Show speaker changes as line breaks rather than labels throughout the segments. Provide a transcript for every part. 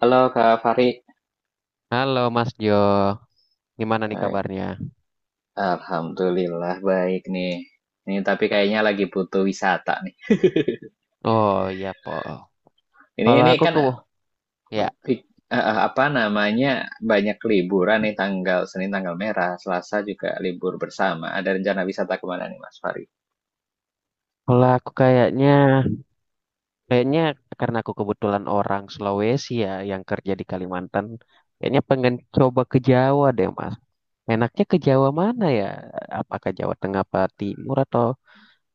Halo Kak Fari.
Halo Mas Jo, gimana nih
Baik.
kabarnya?
Alhamdulillah baik nih. Ini tapi kayaknya lagi butuh wisata nih.
Oh iya po.
Ini
Kalau
ini
aku
kan
ke, ya
apa namanya banyak liburan nih tanggal Senin tanggal merah, Selasa juga libur bersama. Ada rencana wisata kemana nih Mas Fari?
kalau aku, kayaknya karena aku kebetulan orang Sulawesi ya yang kerja di Kalimantan, kayaknya pengen coba ke Jawa deh Mas. Enaknya ke Jawa mana ya? Apakah Jawa Tengah, apa Timur atau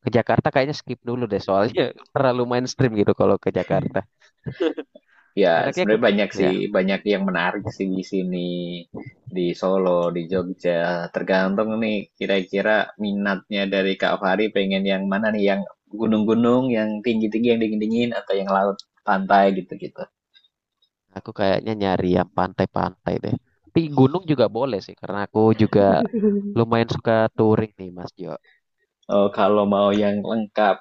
ke Jakarta? Kayaknya skip dulu deh soalnya terlalu mainstream gitu kalau ke Jakarta.
Ya,
Enaknya ke,
sebenarnya banyak sih,
ya
banyak yang menarik sih di sini, di Solo, di Jogja. Tergantung nih, kira-kira minatnya dari Kak Fahri pengen yang mana nih, yang gunung-gunung, yang tinggi-tinggi, yang dingin-dingin, atau yang laut, pantai gitu-gitu.
Aku kayaknya nyari yang pantai-pantai deh. Tapi gunung juga boleh sih, karena aku juga lumayan suka touring nih, Mas Jo.
Oh, kalau mau yang lengkap,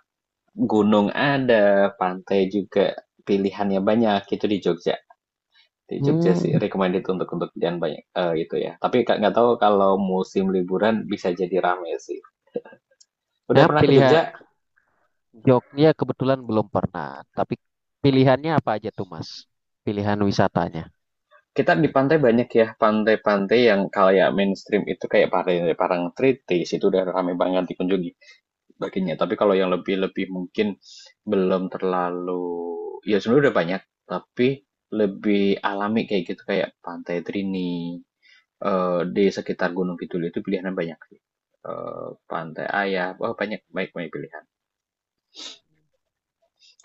gunung ada, pantai juga, pilihannya banyak, itu di Jogja. Di Jogja sih
Hmm,
recommended untuk jalan banyak itu ya. Tapi Kak, nggak tahu kalau musim liburan bisa jadi rame sih. Udah
nah,
pernah ke
pilihan
Jogja?
Jogja kebetulan belum pernah, tapi pilihannya apa aja tuh, Mas? Pilihan wisatanya.
Kita di pantai banyak ya, pantai-pantai yang kayak mainstream itu kayak pantai Parangtritis itu udah ramai banget dikunjungi baginya. Tapi kalau yang lebih-lebih mungkin belum terlalu, ya sebenarnya udah banyak, tapi lebih alami kayak gitu kayak Pantai Trini di sekitar Gunung Kidul itu pilihannya banyak sih. Pantai Ayah, oh banyak baik banyak pilihan.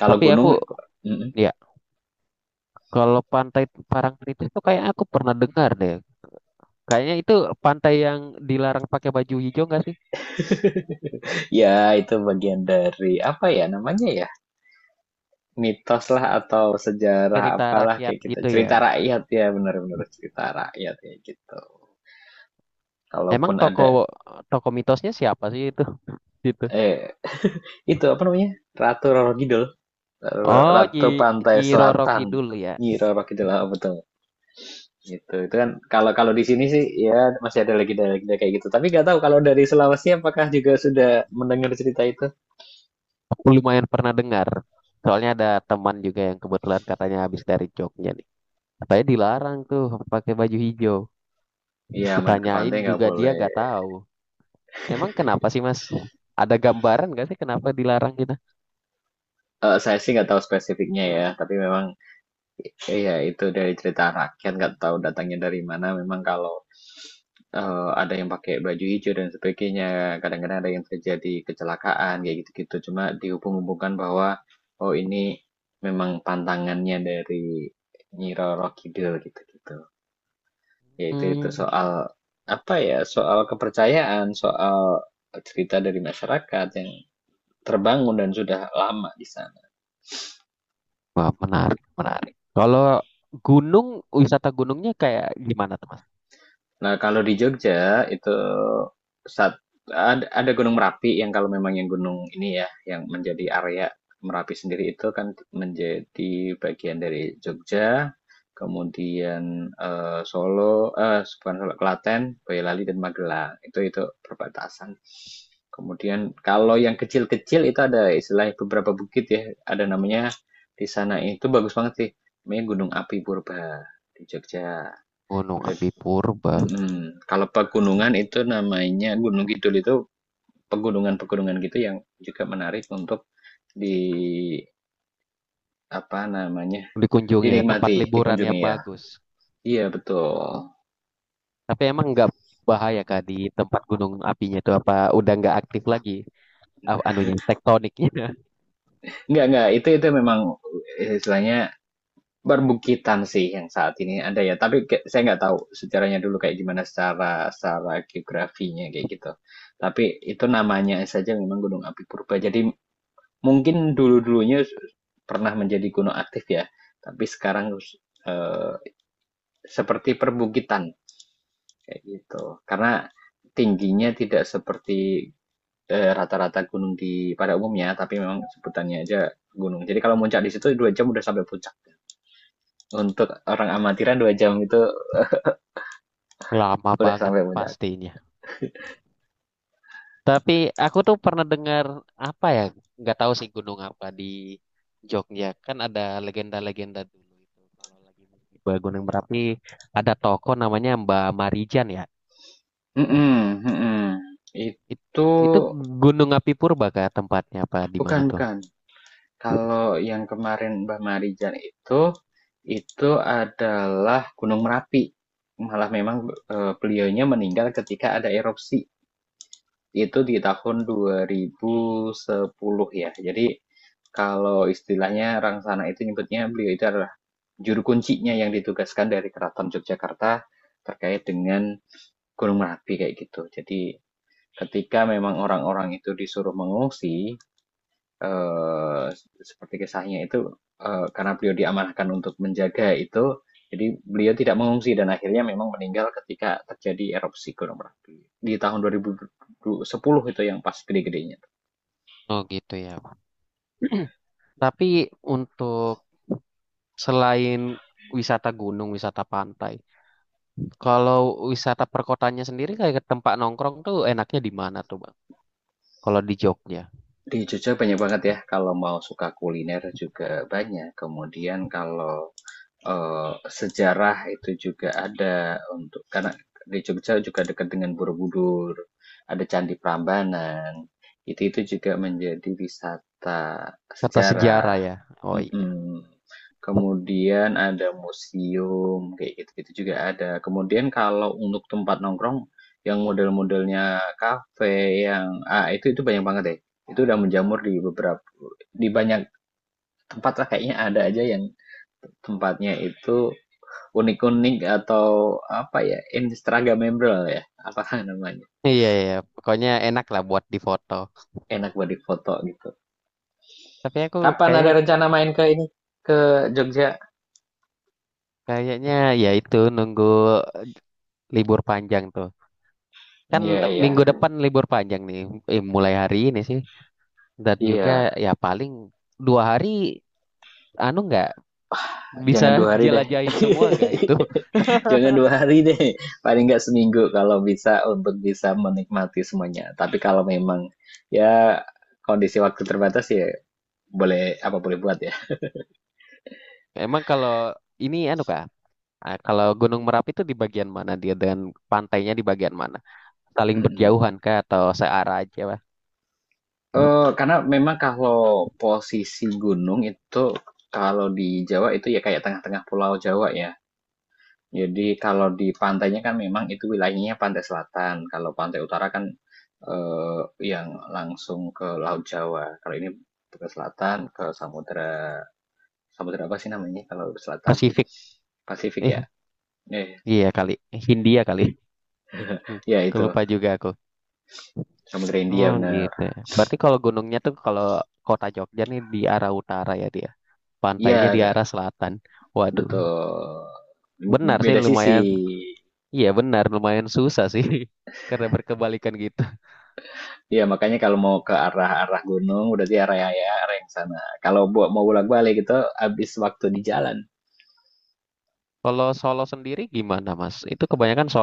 Kalau
Tapi
gunung.
aku,
Mm, mm.
ya, kalau pantai Parangtritis itu kayaknya aku pernah dengar deh. Kayaknya itu pantai yang dilarang pakai baju hijau nggak sih?
Ya, itu bagian dari apa ya namanya ya? Mitos lah atau sejarah
Cerita
apalah
rakyat
kayak gitu.
gitu ya.
Cerita rakyat ya, benar-benar cerita rakyat ya gitu.
Emang
Kalaupun
toko
ada,
toko mitosnya siapa sih itu? Gitu.
eh itu apa namanya? Ratu Roro Kidul,
Oh,
Ratu
Nyi,
Pantai
Nyi Roro
Selatan.
Kidul ya.
Nyi Roro Kidul, ah, betul. Gitu. Itu kan kalau kalau di sini sih ya masih ada lagi kayak gitu. Tapi nggak tahu kalau dari Sulawesi apakah juga sudah mendengar cerita itu?
Aku lumayan pernah dengar. Soalnya ada teman juga yang kebetulan katanya habis dari Jogja nih. Katanya dilarang tuh pakai baju hijau.
Iya, main ke
Kutanyain
pantai nggak
juga dia
boleh.
nggak tahu. Emang kenapa sih Mas? Ada gambaran nggak sih kenapa dilarang gitu?
Saya sih nggak tahu spesifiknya ya, tapi memang iya, itu dari cerita rakyat, nggak tahu datangnya dari mana. Memang kalau ada yang pakai baju hijau dan sebagainya, kadang-kadang ada yang terjadi kecelakaan, kayak gitu-gitu. Cuma dihubung-hubungkan bahwa, oh ini memang pantangannya dari Nyi Roro Kidul, gitu-gitu. Yaitu, itu
Hmm,
soal, apa ya, soal kepercayaan, soal cerita dari masyarakat yang terbangun dan sudah lama di sana.
wah, menarik, menarik. Kalau gunung, wisata gunungnya kayak gimana tuh Mas?
Nah, kalau di Jogja itu saat ada Gunung Merapi yang kalau memang yang gunung ini ya, yang menjadi area Merapi sendiri itu kan menjadi bagian dari Jogja, kemudian Solo, eh bukan Solo, Klaten, Boyolali dan Magelang. Itu perbatasan. Kemudian kalau yang kecil-kecil itu ada istilah beberapa bukit ya, ada namanya di sana itu bagus banget sih. Namanya Gunung Api Purba di Jogja.
Gunung
Ada.
Api Purba
Mhm. Kalau pegunungan itu namanya Gunung Kidul itu pegunungan-pegunungan gitu yang juga menarik untuk di apa namanya
dikunjungi ya, tempat
dinikmati,
liburan
dikunjungi
yang
ya.
bagus.
Iya betul.
Tapi emang nggak bahaya kak di tempat gunung apinya itu apa udah nggak aktif lagi anunya tektoniknya
Enggak, itu memang istilahnya perbukitan sih yang saat ini ada ya. Tapi saya nggak tahu sejarahnya dulu kayak gimana secara secara geografinya kayak gitu. Tapi itu namanya saja memang Gunung Api Purba. Jadi mungkin dulu-dulunya pernah menjadi gunung aktif ya, tapi sekarang, eee, seperti perbukitan, kayak gitu. Karena tingginya tidak seperti, rata-rata gunung di pada umumnya, tapi memang sebutannya aja gunung. Jadi kalau muncak di situ 2 jam udah sampai puncak. Untuk orang amatiran 2 jam itu
lama
udah
banget
sampai puncak.
pastinya. Tapi aku tuh pernah dengar apa ya, nggak tahu sih gunung apa di Jogja, kan ada legenda-legenda dulu itu kalau lagi di Gunung Merapi ada toko namanya Mbak Marijan ya.
Mhm, mhm.
It-
Itu
itu Gunung Api Purba kah tempatnya apa di mana
bukan,
tuh?
bukan. Kalau yang kemarin Mbak Marijan itu adalah Gunung Merapi. Malah memang beliaunya meninggal ketika ada erupsi. Itu di tahun 2010 ya. Jadi kalau istilahnya Rangsana itu nyebutnya beliau itu adalah juru kuncinya yang ditugaskan dari Keraton Yogyakarta terkait dengan Gunung Merapi kayak gitu. Jadi ketika memang orang-orang itu disuruh mengungsi, eh, seperti kisahnya itu karena beliau diamanahkan untuk menjaga itu, jadi beliau tidak mengungsi dan akhirnya memang meninggal ketika terjadi erupsi Gunung Merapi di tahun 2010 itu yang pas gede-gedenya.
Oh gitu ya. Tapi untuk selain wisata gunung, wisata pantai, kalau wisata perkotanya sendiri kayak ke tempat nongkrong tuh enaknya di mana tuh Bang? Kalau di Jogja,
Di Jogja banyak banget ya, kalau mau suka kuliner juga banyak. Kemudian kalau eh, sejarah itu juga ada untuk karena di Jogja juga dekat dengan Borobudur, ada Candi Prambanan. Itu juga menjadi wisata
kata sejarah
sejarah.
ya. Oh iya.
Mm-mm. Kemudian ada museum kayak gitu itu juga ada. Kemudian kalau untuk tempat nongkrong yang model-modelnya kafe yang itu banyak banget deh. Itu udah menjamur di beberapa di banyak tempat lah kayaknya ada aja yang tempatnya itu unik-unik atau apa ya, Instagramable ya, apa namanya.
Iya iya, iya, pokoknya enak lah buat difoto.
Enak buat difoto gitu.
Tapi aku
Kapan ada
kayak
rencana main ke ini? Ke Jogja?
kayaknya ya itu nunggu libur panjang tuh. Kan
Iya, iya.
minggu depan libur panjang nih, mulai hari ini sih. Dan juga
Iya,
ya paling dua hari, anu nggak bisa
jangan 2 hari deh.
dijelajahin semua gak itu?
Jangan 2 hari deh. Paling nggak seminggu kalau bisa untuk bisa menikmati semuanya. Tapi kalau memang ya kondisi waktu terbatas ya boleh apa boleh buat ya.
Emang kalau ini anu kak, kalau Gunung Merapi itu di bagian mana dia dan pantainya di bagian mana? Saling
Mm-mm.
berjauhan kah atau searah aja? Pak?
Karena memang kalau posisi gunung itu, kalau di Jawa itu ya kayak tengah-tengah Pulau Jawa ya. Jadi kalau di pantainya kan memang itu wilayahnya pantai selatan, kalau pantai utara kan, eee, yang langsung ke Laut Jawa. Kalau ini ke selatan, ke samudra samudra apa sih namanya kalau selatan?
Pasifik,
Pasifik
eh
ya? Eh,
iya kali, Hindia kali. Hmm,
ya itu,
lupa juga aku.
Samudra India
Oh
benar.
gitu ya. Berarti kalau gunungnya tuh kalau kota Jogja nih di arah utara ya dia. Pantainya
Iya,
di
Kak,
arah selatan. Waduh.
betul.
Benar
B
sih
Beda sisi.
lumayan. Iya benar lumayan susah sih. Karena berkebalikan gitu.
Iya, makanya kalau mau ke arah-arah gunung, berarti area ya, area yang sana. Kalau buat mau bolak-balik itu habis waktu di jalan.
Kalau Solo sendiri gimana Mas? Itu kebanyakan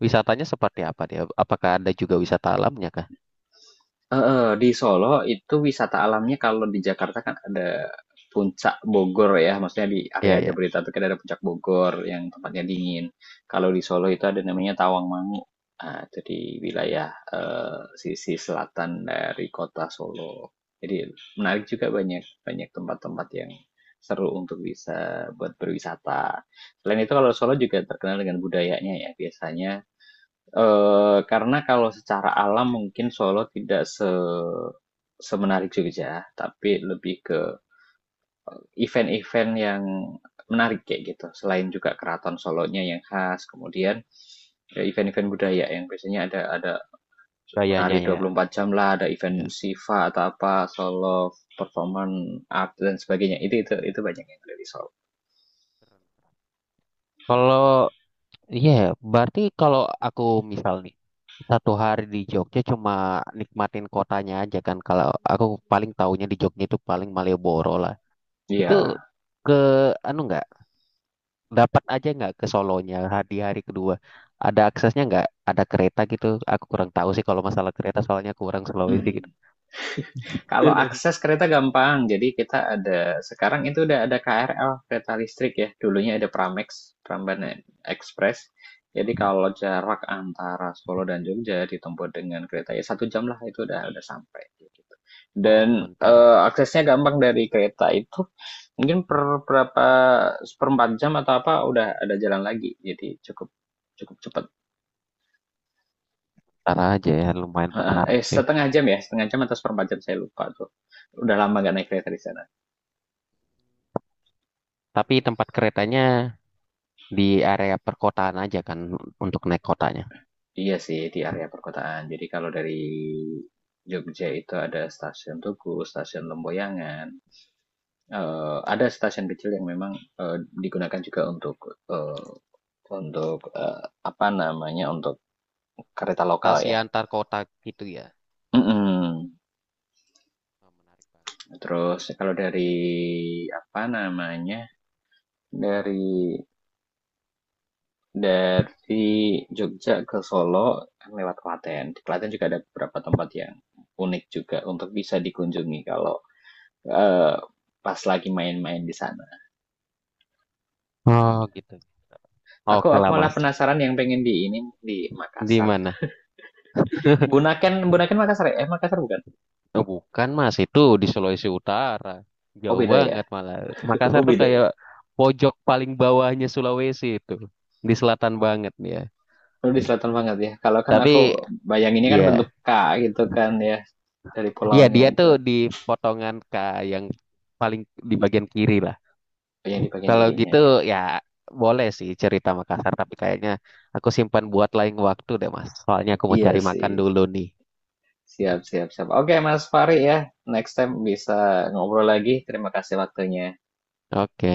wisatanya seperti apa dia? Apakah ada juga wisata alamnya kah?
Heeh, di Solo itu wisata alamnya kalau di Jakarta kan ada Puncak Bogor ya, maksudnya di
Ya
area
ya.
Jabodetabek kan ada Puncak Bogor yang tempatnya dingin. Kalau di Solo itu ada namanya Tawangmangu. Nah, itu di wilayah sisi selatan dari kota Solo. Jadi menarik juga banyak banyak tempat-tempat yang seru untuk bisa buat berwisata. Selain itu kalau Solo juga terkenal dengan budayanya ya, biasanya karena kalau secara alam mungkin Solo tidak se semenarik Jogja, tapi lebih ke event-event yang menarik kayak gitu. Selain juga keraton Solonya yang khas, kemudian ya event-event budaya yang biasanya ada menari
Gayanya
dua
ya.
puluh empat jam lah, ada event
Ya.
Siva atau apa, Solo Performance Art dan sebagainya. Itu banyak yang dari Solo.
Kalau Iya, berarti kalau aku misal nih satu hari di Jogja cuma nikmatin kotanya aja kan. Kalau aku paling taunya di Jogja itu paling Malioboro lah. Itu
Iya,
ke anu nggak dapat aja nggak ke Solonya di hari kedua? Ada aksesnya nggak? Ada kereta gitu? Aku kurang tahu sih kalau masalah kereta soalnya aku kurang Sulawesi gitu.
mhm. Kalau akses kereta gampang, jadi kita ada sekarang itu udah ada KRL kereta listrik ya. Dulunya ada Pramex, Prambanan Express. Jadi kalau jarak antara Solo dan Jogja ditempuh dengan kereta ya 1 jam lah itu udah sampai. Gitu.
Oh,
Dan
bentar aja.
aksesnya gampang dari kereta itu mungkin per berapa seperempat jam atau apa udah ada jalan lagi. Jadi cukup cukup cepat.
Bentar aja ya, lumayan menarik sih.
Setengah jam ya, setengah jam atau seperempat jam saya lupa tuh. Udah lama gak naik kereta di sana.
Tapi tempat keretanya di area perkotaan aja kan untuk naik kotanya.
Iya sih, di area perkotaan. Jadi kalau dari Jogja itu ada stasiun Tugu, stasiun Lemboyangan. Ada stasiun kecil yang memang eh, digunakan juga untuk eh, untuk eh, apa namanya untuk kereta lokal
Transportasi
ya.
antar kota gitu ya.
Mm-mm.
Oh, menarik banget.
Terus kalau dari apa namanya dari dari Jogja ke Solo kan lewat Klaten. Di Klaten juga ada beberapa tempat yang unik juga untuk bisa dikunjungi kalau Eee, pas lagi main-main di sana.
Oh, gitu.
Aku
Oke
aku
lah
malah
Mas.
penasaran yang pengen di ini, di
Di
Makassar.
mana?
Bunaken Bunaken Makassar ya? Eh, Makassar bukan?
Oh, bukan Mas, itu di Sulawesi Utara.
Oh,
Jauh
beda ya?
banget malah.
Oh,
Makassar tuh
beda ya?
kayak pojok paling bawahnya Sulawesi itu. Di selatan banget ya.
Lu di selatan banget ya? Kalau kan aku
Tapi
bayanginnya kan bentuk
ya,
K gitu kan ya, dari
ya
pulaunya
dia
itu.
tuh di potongan K yang paling di bagian kiri lah.
Oh, yang di bagian
Kalau
kirinya
gitu
ya.
ya boleh sih cerita Makassar, tapi kayaknya aku simpan buat lain waktu deh Mas. Soalnya aku mau
Iya
cari makan
sih.
dulu nih.
Siap, siap, siap. Oke Mas Fahri ya, next time bisa ngobrol lagi. Terima kasih waktunya.
Oke.